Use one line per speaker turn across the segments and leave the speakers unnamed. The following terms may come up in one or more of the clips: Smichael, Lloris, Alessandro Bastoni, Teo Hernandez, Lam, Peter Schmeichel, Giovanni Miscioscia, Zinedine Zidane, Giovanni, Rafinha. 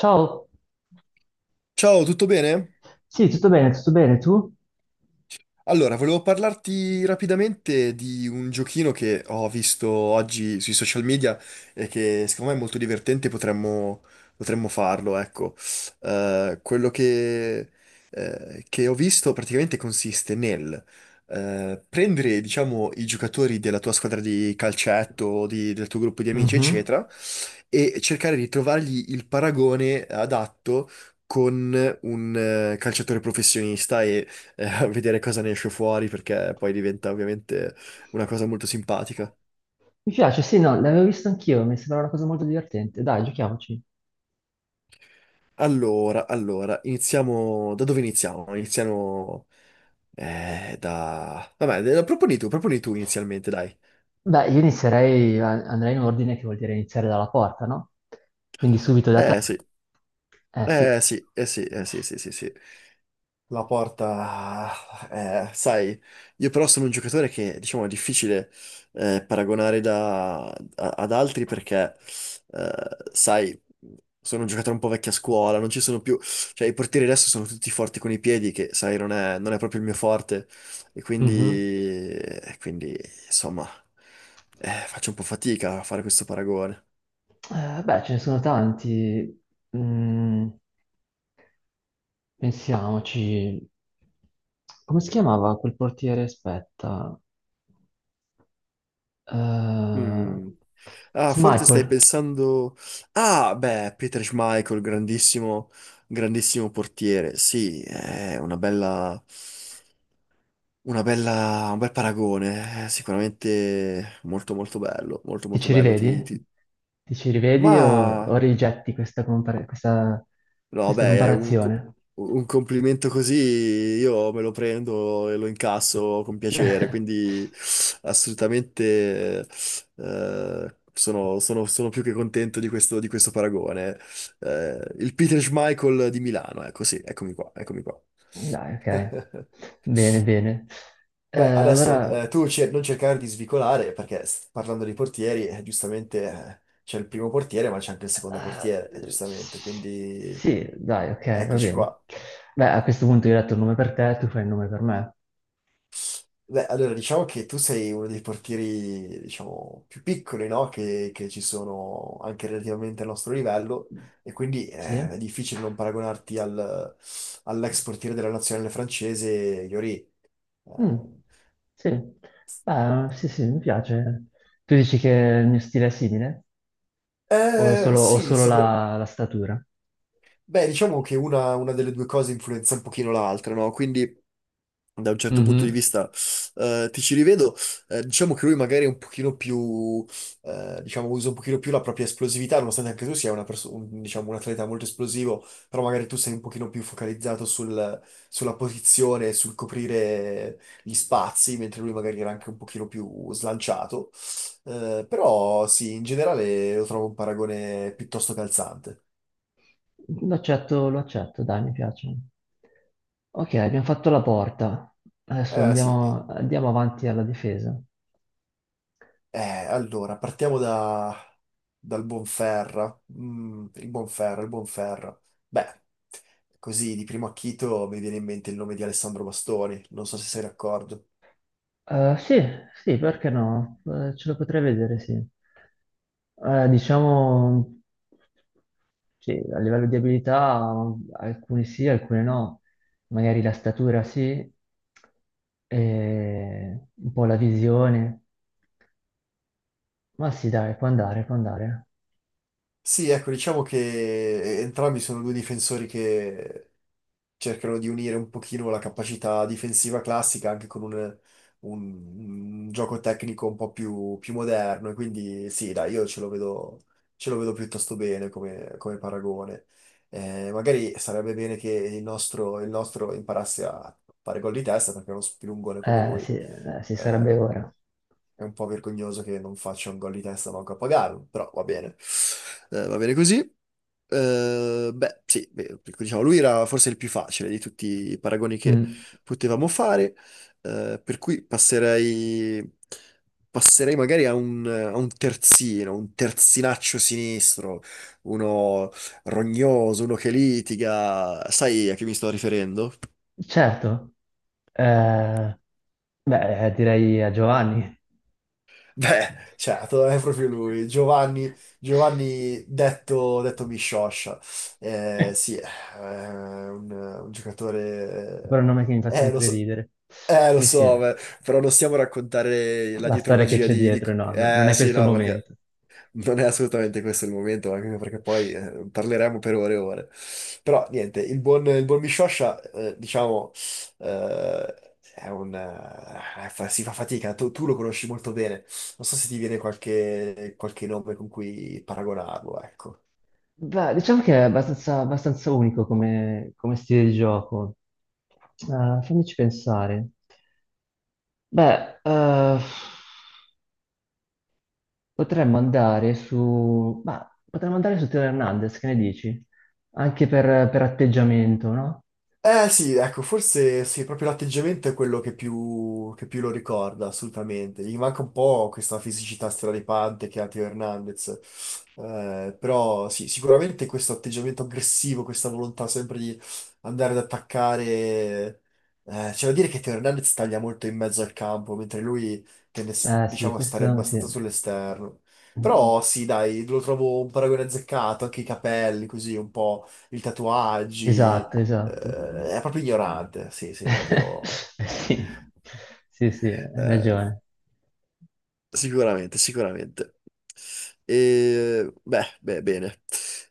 Ciao,
Ciao, tutto bene?
sì, tutto bene, tu?
Allora, volevo parlarti rapidamente di un giochino che ho visto oggi sui social media e che secondo me è molto divertente, potremmo farlo, ecco. Quello che ho visto praticamente consiste nel prendere, diciamo, i giocatori della tua squadra di calcetto, o del tuo gruppo di amici,
Mhm.
eccetera, e cercare di trovargli il paragone adatto con un calciatore professionista, a vedere cosa ne esce fuori, perché poi diventa ovviamente una cosa molto simpatica.
Mi piace, sì, no, l'avevo visto anch'io, mi sembra una cosa molto divertente. Dai, giochiamoci.
Allora, iniziamo. Da dove iniziamo? Vabbè, proponi tu inizialmente, dai.
Beh, io inizierei, andrei in ordine, che vuol dire iniziare dalla porta, no? Quindi subito da te.
Eh sì,
Eh sì.
sì, eh sì, sì, sì, sì. La porta, sai, io però sono un giocatore che, diciamo, è difficile paragonare ad altri perché, sai, sono un giocatore un po' vecchia scuola, non ci sono più, cioè i portieri adesso sono tutti forti con i piedi, che, sai, non è proprio il mio forte, e
Mhm.
insomma, faccio un po' fatica a fare questo paragone.
Beh, ce ne sono tanti. Mm, pensiamoci. Come si chiamava quel portiere? Aspetta. Eh,
Mm. Ah, forse stai
Smichael.
pensando... Ah, beh, Peter Schmeichel, grandissimo portiere. Sì, è una bella. Una bella. Un bel paragone. È sicuramente molto molto bello, molto
Ti
molto
ci
bello.
rivedi? Ti ci rivedi o
Ma.
rigetti questa,
No,
questa
beh,
comparazione?
un complimento così io me lo prendo e lo incasso con piacere, quindi assolutamente sono più che contento di questo paragone. Il Peter Schmeichel di Milano, ecco sì, eccomi qua.
Dai, ok. Bene, bene. Eh,
Beh, adesso
allora,
non cercare di svicolare, perché parlando di portieri, giustamente c'è il primo portiere, ma c'è anche il secondo portiere, giustamente, quindi
sì, dai, ok, va
eccoci
bene.
qua.
Beh, a questo punto io ho detto il nome per te, tu fai il nome per me.
Beh, allora diciamo che tu sei uno dei portieri, diciamo, più piccoli, no? Che ci sono anche relativamente al nostro livello e quindi
Sì?
è difficile non all'ex portiere della nazionale francese, Lloris.
Mm, sì. Beh, sì, sì, mi piace. Tu dici che il mio stile è simile?
Eh, eh,
O
sì,
solo la
sicur-
la statura?
Beh, diciamo che una delle due cose influenza un pochino l'altra, no? Quindi da un certo punto di
Mhm.
vista ti ci rivedo. Diciamo che lui magari è un pochino più, usa un pochino più la propria esplosività, nonostante anche tu sia diciamo, un atleta molto esplosivo, però magari tu sei un pochino più sulla posizione, sul coprire gli spazi, mentre lui magari era anche un pochino più slanciato. Però sì, in generale lo trovo un paragone piuttosto calzante.
Lo accetto, dai, mi piace. Ok, abbiamo fatto la porta. Adesso
Eh sì.
andiamo, andiamo avanti alla difesa.
Allora, dal Bonferra. Mm, il Bonferra. Beh, così di primo acchito mi viene in mente il nome di Alessandro Bastoni, non so se sei d'accordo.
Sì, sì, perché no? Ce lo potrei vedere, sì. Diciamo, sì, a livello di abilità, alcune sì, alcune no. Magari la statura sì, e un po' la visione. Ma sì, dai, può andare, può andare.
Sì, ecco, diciamo che entrambi sono due difensori che cercano di unire un pochino la capacità difensiva classica anche con un gioco tecnico un po' più moderno. E quindi sì, dai, io ce lo vedo piuttosto bene come, come paragone. Magari sarebbe bene che il nostro imparasse a fare gol di testa, perché uno spilungone come lui
Sì, sì,
eh,
sarebbe ora.
è un po' vergognoso che non faccia un gol di testa manco a pagarlo, però va bene. Va bene così. Beh, sì, beh, ecco, diciamo, lui era forse il più facile di tutti i paragoni che
Mm,
potevamo fare, per cui passerei magari a a un terzino, un terzinaccio sinistro, uno rognoso, uno che litiga. Sai a chi mi sto riferendo?
certo. Eh, beh, direi a Giovanni.
Beh, certo, è proprio lui, Giovanni, Giovanni detto Miscioscia.
Però
Sì, è un
è
giocatore.
un nome che mi fa
Lo
sempre
so.
ridere.
Lo
Sì, sì,
so, beh, però non stiamo a raccontare la
la storia che
dietrologia
c'è dietro, no, no, non è
Sì,
questo il
no, perché
momento.
non è assolutamente questo il momento, anche perché poi parleremo per ore e ore. Però, niente, il buon Miscioscia, diciamo, eh, si fa fatica, tu lo conosci molto bene. Non so se ti viene qualche nome con cui paragonarlo, ecco.
Beh, diciamo che è abbastanza, abbastanza unico come, come stile di gioco. Fammici pensare. Beh, potremmo andare su... Ma potremmo andare su Teo Hernandez, che ne dici? Anche per atteggiamento, no?
Eh sì, ecco, forse sì, proprio l'atteggiamento è quello che più lo ricorda, assolutamente. Gli manca un po' questa fisicità straripante che ha Teo Hernandez. Però sì, sicuramente questo atteggiamento aggressivo, questa volontà sempre di andare ad attaccare. C'è da dire che Teo Hernandez taglia molto in mezzo al campo, mentre lui tende,
Eh sì,
diciamo, a stare
questo sì.
abbastanza sull'esterno. Però sì, dai, lo trovo un paragone azzeccato, anche i capelli, così, un po' i tatuaggi.
Esatto, esatto.
È proprio ignorante, sì, sì, è proprio.
Sì, sì, sì, hai
eh,
ragione.
sicuramente, sicuramente. E, beh, beh, bene.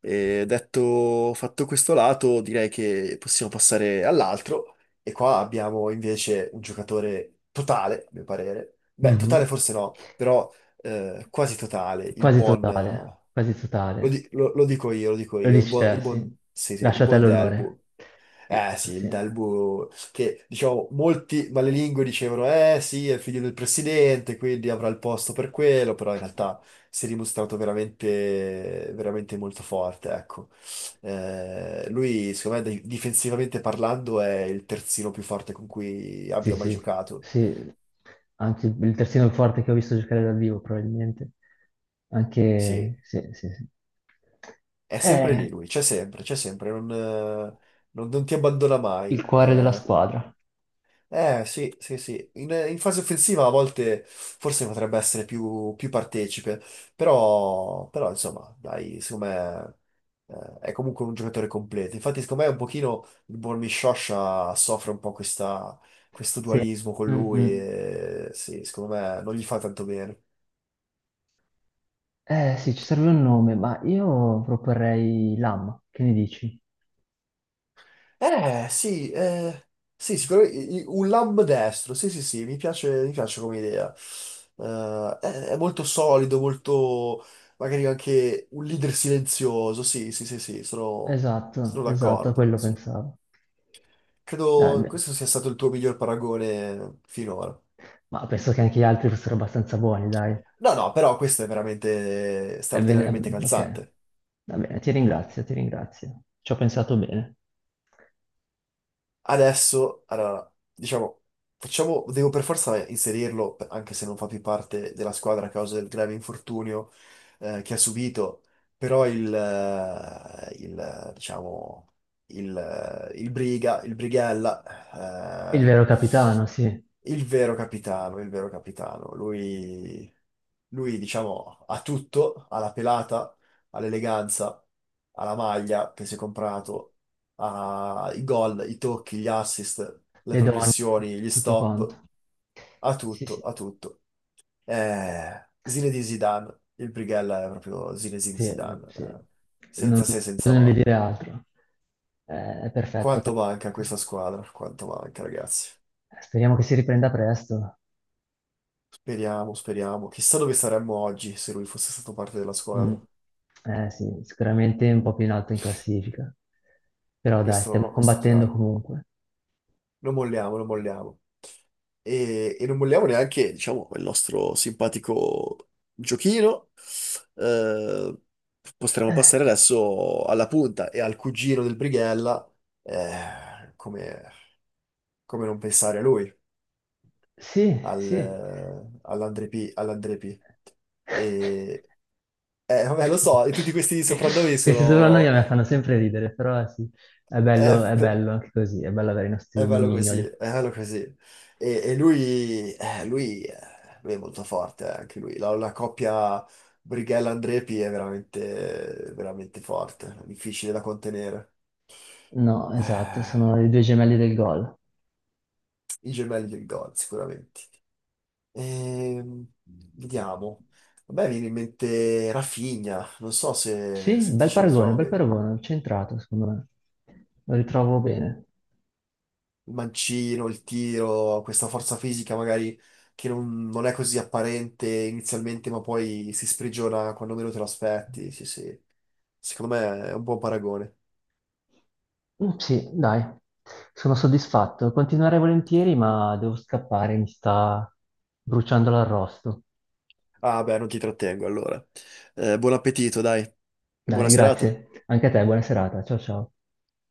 E detto, fatto questo lato, direi che possiamo passare all'altro. E qua abbiamo invece un giocatore totale, a mio parere. Beh, totale
Mhm.
forse no, però quasi totale. Il
Quasi
buon...
totale, quasi
lo,
totale.
di- lo- Lo dico io, lo dico
Lo
io. Il
dici
buon,
te,
il
sì.
buon, sì, sì, il
Lasciate
buon
all'onore.
Delbu. Eh sì, il
Sì.
Delbu, che diciamo, molti malelingue dicevano, eh sì, è il figlio del presidente, quindi avrà il posto per quello, però in realtà si è dimostrato veramente, veramente molto forte, ecco. Lui, secondo me, difensivamente parlando, è il terzino più forte con cui
Sì,
abbia mai
sì,
giocato.
sì, anche il terzino forte che ho visto giocare dal vivo, probabilmente.
Sì,
Anche, sì, sì, sì.
è sempre
Eh,
lì lui, c'è sempre, non, non ti abbandona
il
mai.
cuore della squadra.
Eh sì, sì, sì. In fase offensiva a volte forse potrebbe essere più partecipe, però, però, insomma, dai, secondo me è comunque un giocatore completo. Infatti, secondo me un pochino il Bormi Scioscia soffre un po' questo
Sì.
dualismo con
Mm,
lui
mm.
e sì, secondo me non gli fa tanto bene.
Sì, ci serve un nome, ma io proporrei Lam, che ne dici?
Eh, sì, eh, sì, sicuramente un lamb destro, sì, sì, sì, mi piace come idea. È molto solido, molto, magari anche un leader silenzioso, sì, sì, sì, sì,
Esatto,
sono
esatto, a
d'accordo.
quello
Sì.
pensavo.
Credo
Beh,
questo sia stato il tuo miglior paragone finora.
ma penso che anche gli altri fossero abbastanza buoni, dai.
No, no, però questo è veramente
Ebbene,
straordinariamente
ok,
calzante.
va bene, ti ringrazio, ti ringrazio. Ci ho pensato bene.
Adesso, allora, diciamo, facciamo, devo per forza inserirlo, anche se non fa più parte della squadra a causa del grave infortunio che ha subito, però il, diciamo, il Briga, il Brighella,
Il vero capitano, sì.
il vero capitano. Lui, diciamo, ha tutto, ha la pelata, ha l'eleganza, ha la maglia che si è comprato, ha i gol, i tocchi, gli assist, le
Le donne,
progressioni, gli
tutto quanto.
stop, ha
Sì,
tutto,
sì,
ha tutto. Zinedine Zidane, il Brighella è proprio Zinedine
sì,
Zidane,
sì. Non
senza se,
non
senza
bisogna di
ma.
dire altro. È perfetto.
Quanto manca a questa squadra, quanto manca, ragazzi.
Speriamo che si riprenda presto.
Speriamo, speriamo. Chissà dove saremmo oggi se lui fosse stato parte della
Mm.
squadra.
Sì, sicuramente un po' più in alto in classifica. Però dai, stiamo
Questo è
combattendo
chiaro.
comunque.
Non molliamo, non molliamo. E non molliamo neanche, diciamo, il nostro simpatico giochino. Eh, potremmo
Eh,
passare adesso alla punta e al cugino del Brighella. Come come non pensare a lui,
Sì, sì.
all'Andre P. E, vabbè, lo so, tutti questi soprannomi
Questi soprannomi a
sono.
me fanno sempre ridere, però sì,
eh,
è bello anche così, è bello avere i
È
nostri
bello così,
nomignoli.
è bello così. Lui è molto forte, anche lui. La coppia Brighella-Andrepi è veramente, veramente forte, difficile da contenere.
No, esatto,
Eh,
sono i due gemelli del gol.
I gemelli del gol, sicuramente. Ehm, vediamo. A me viene in mente Rafinha, non so
Sì,
se ti ci ritrovi.
bel paragone, centrato, secondo me. Lo ritrovo bene.
Il mancino, il tiro, questa forza fisica magari che non, non è così apparente inizialmente, ma poi si sprigiona quando meno te lo aspetti. Sì, sì. Secondo me è un buon paragone.
Mm, sì, dai, sono soddisfatto. Continuerei volentieri, ma devo scappare, mi sta bruciando l'arrosto.
Ah, beh, non ti trattengo allora. Buon appetito, dai, e buona
Dai,
serata.
grazie. Anche a te, buona serata. Ciao ciao.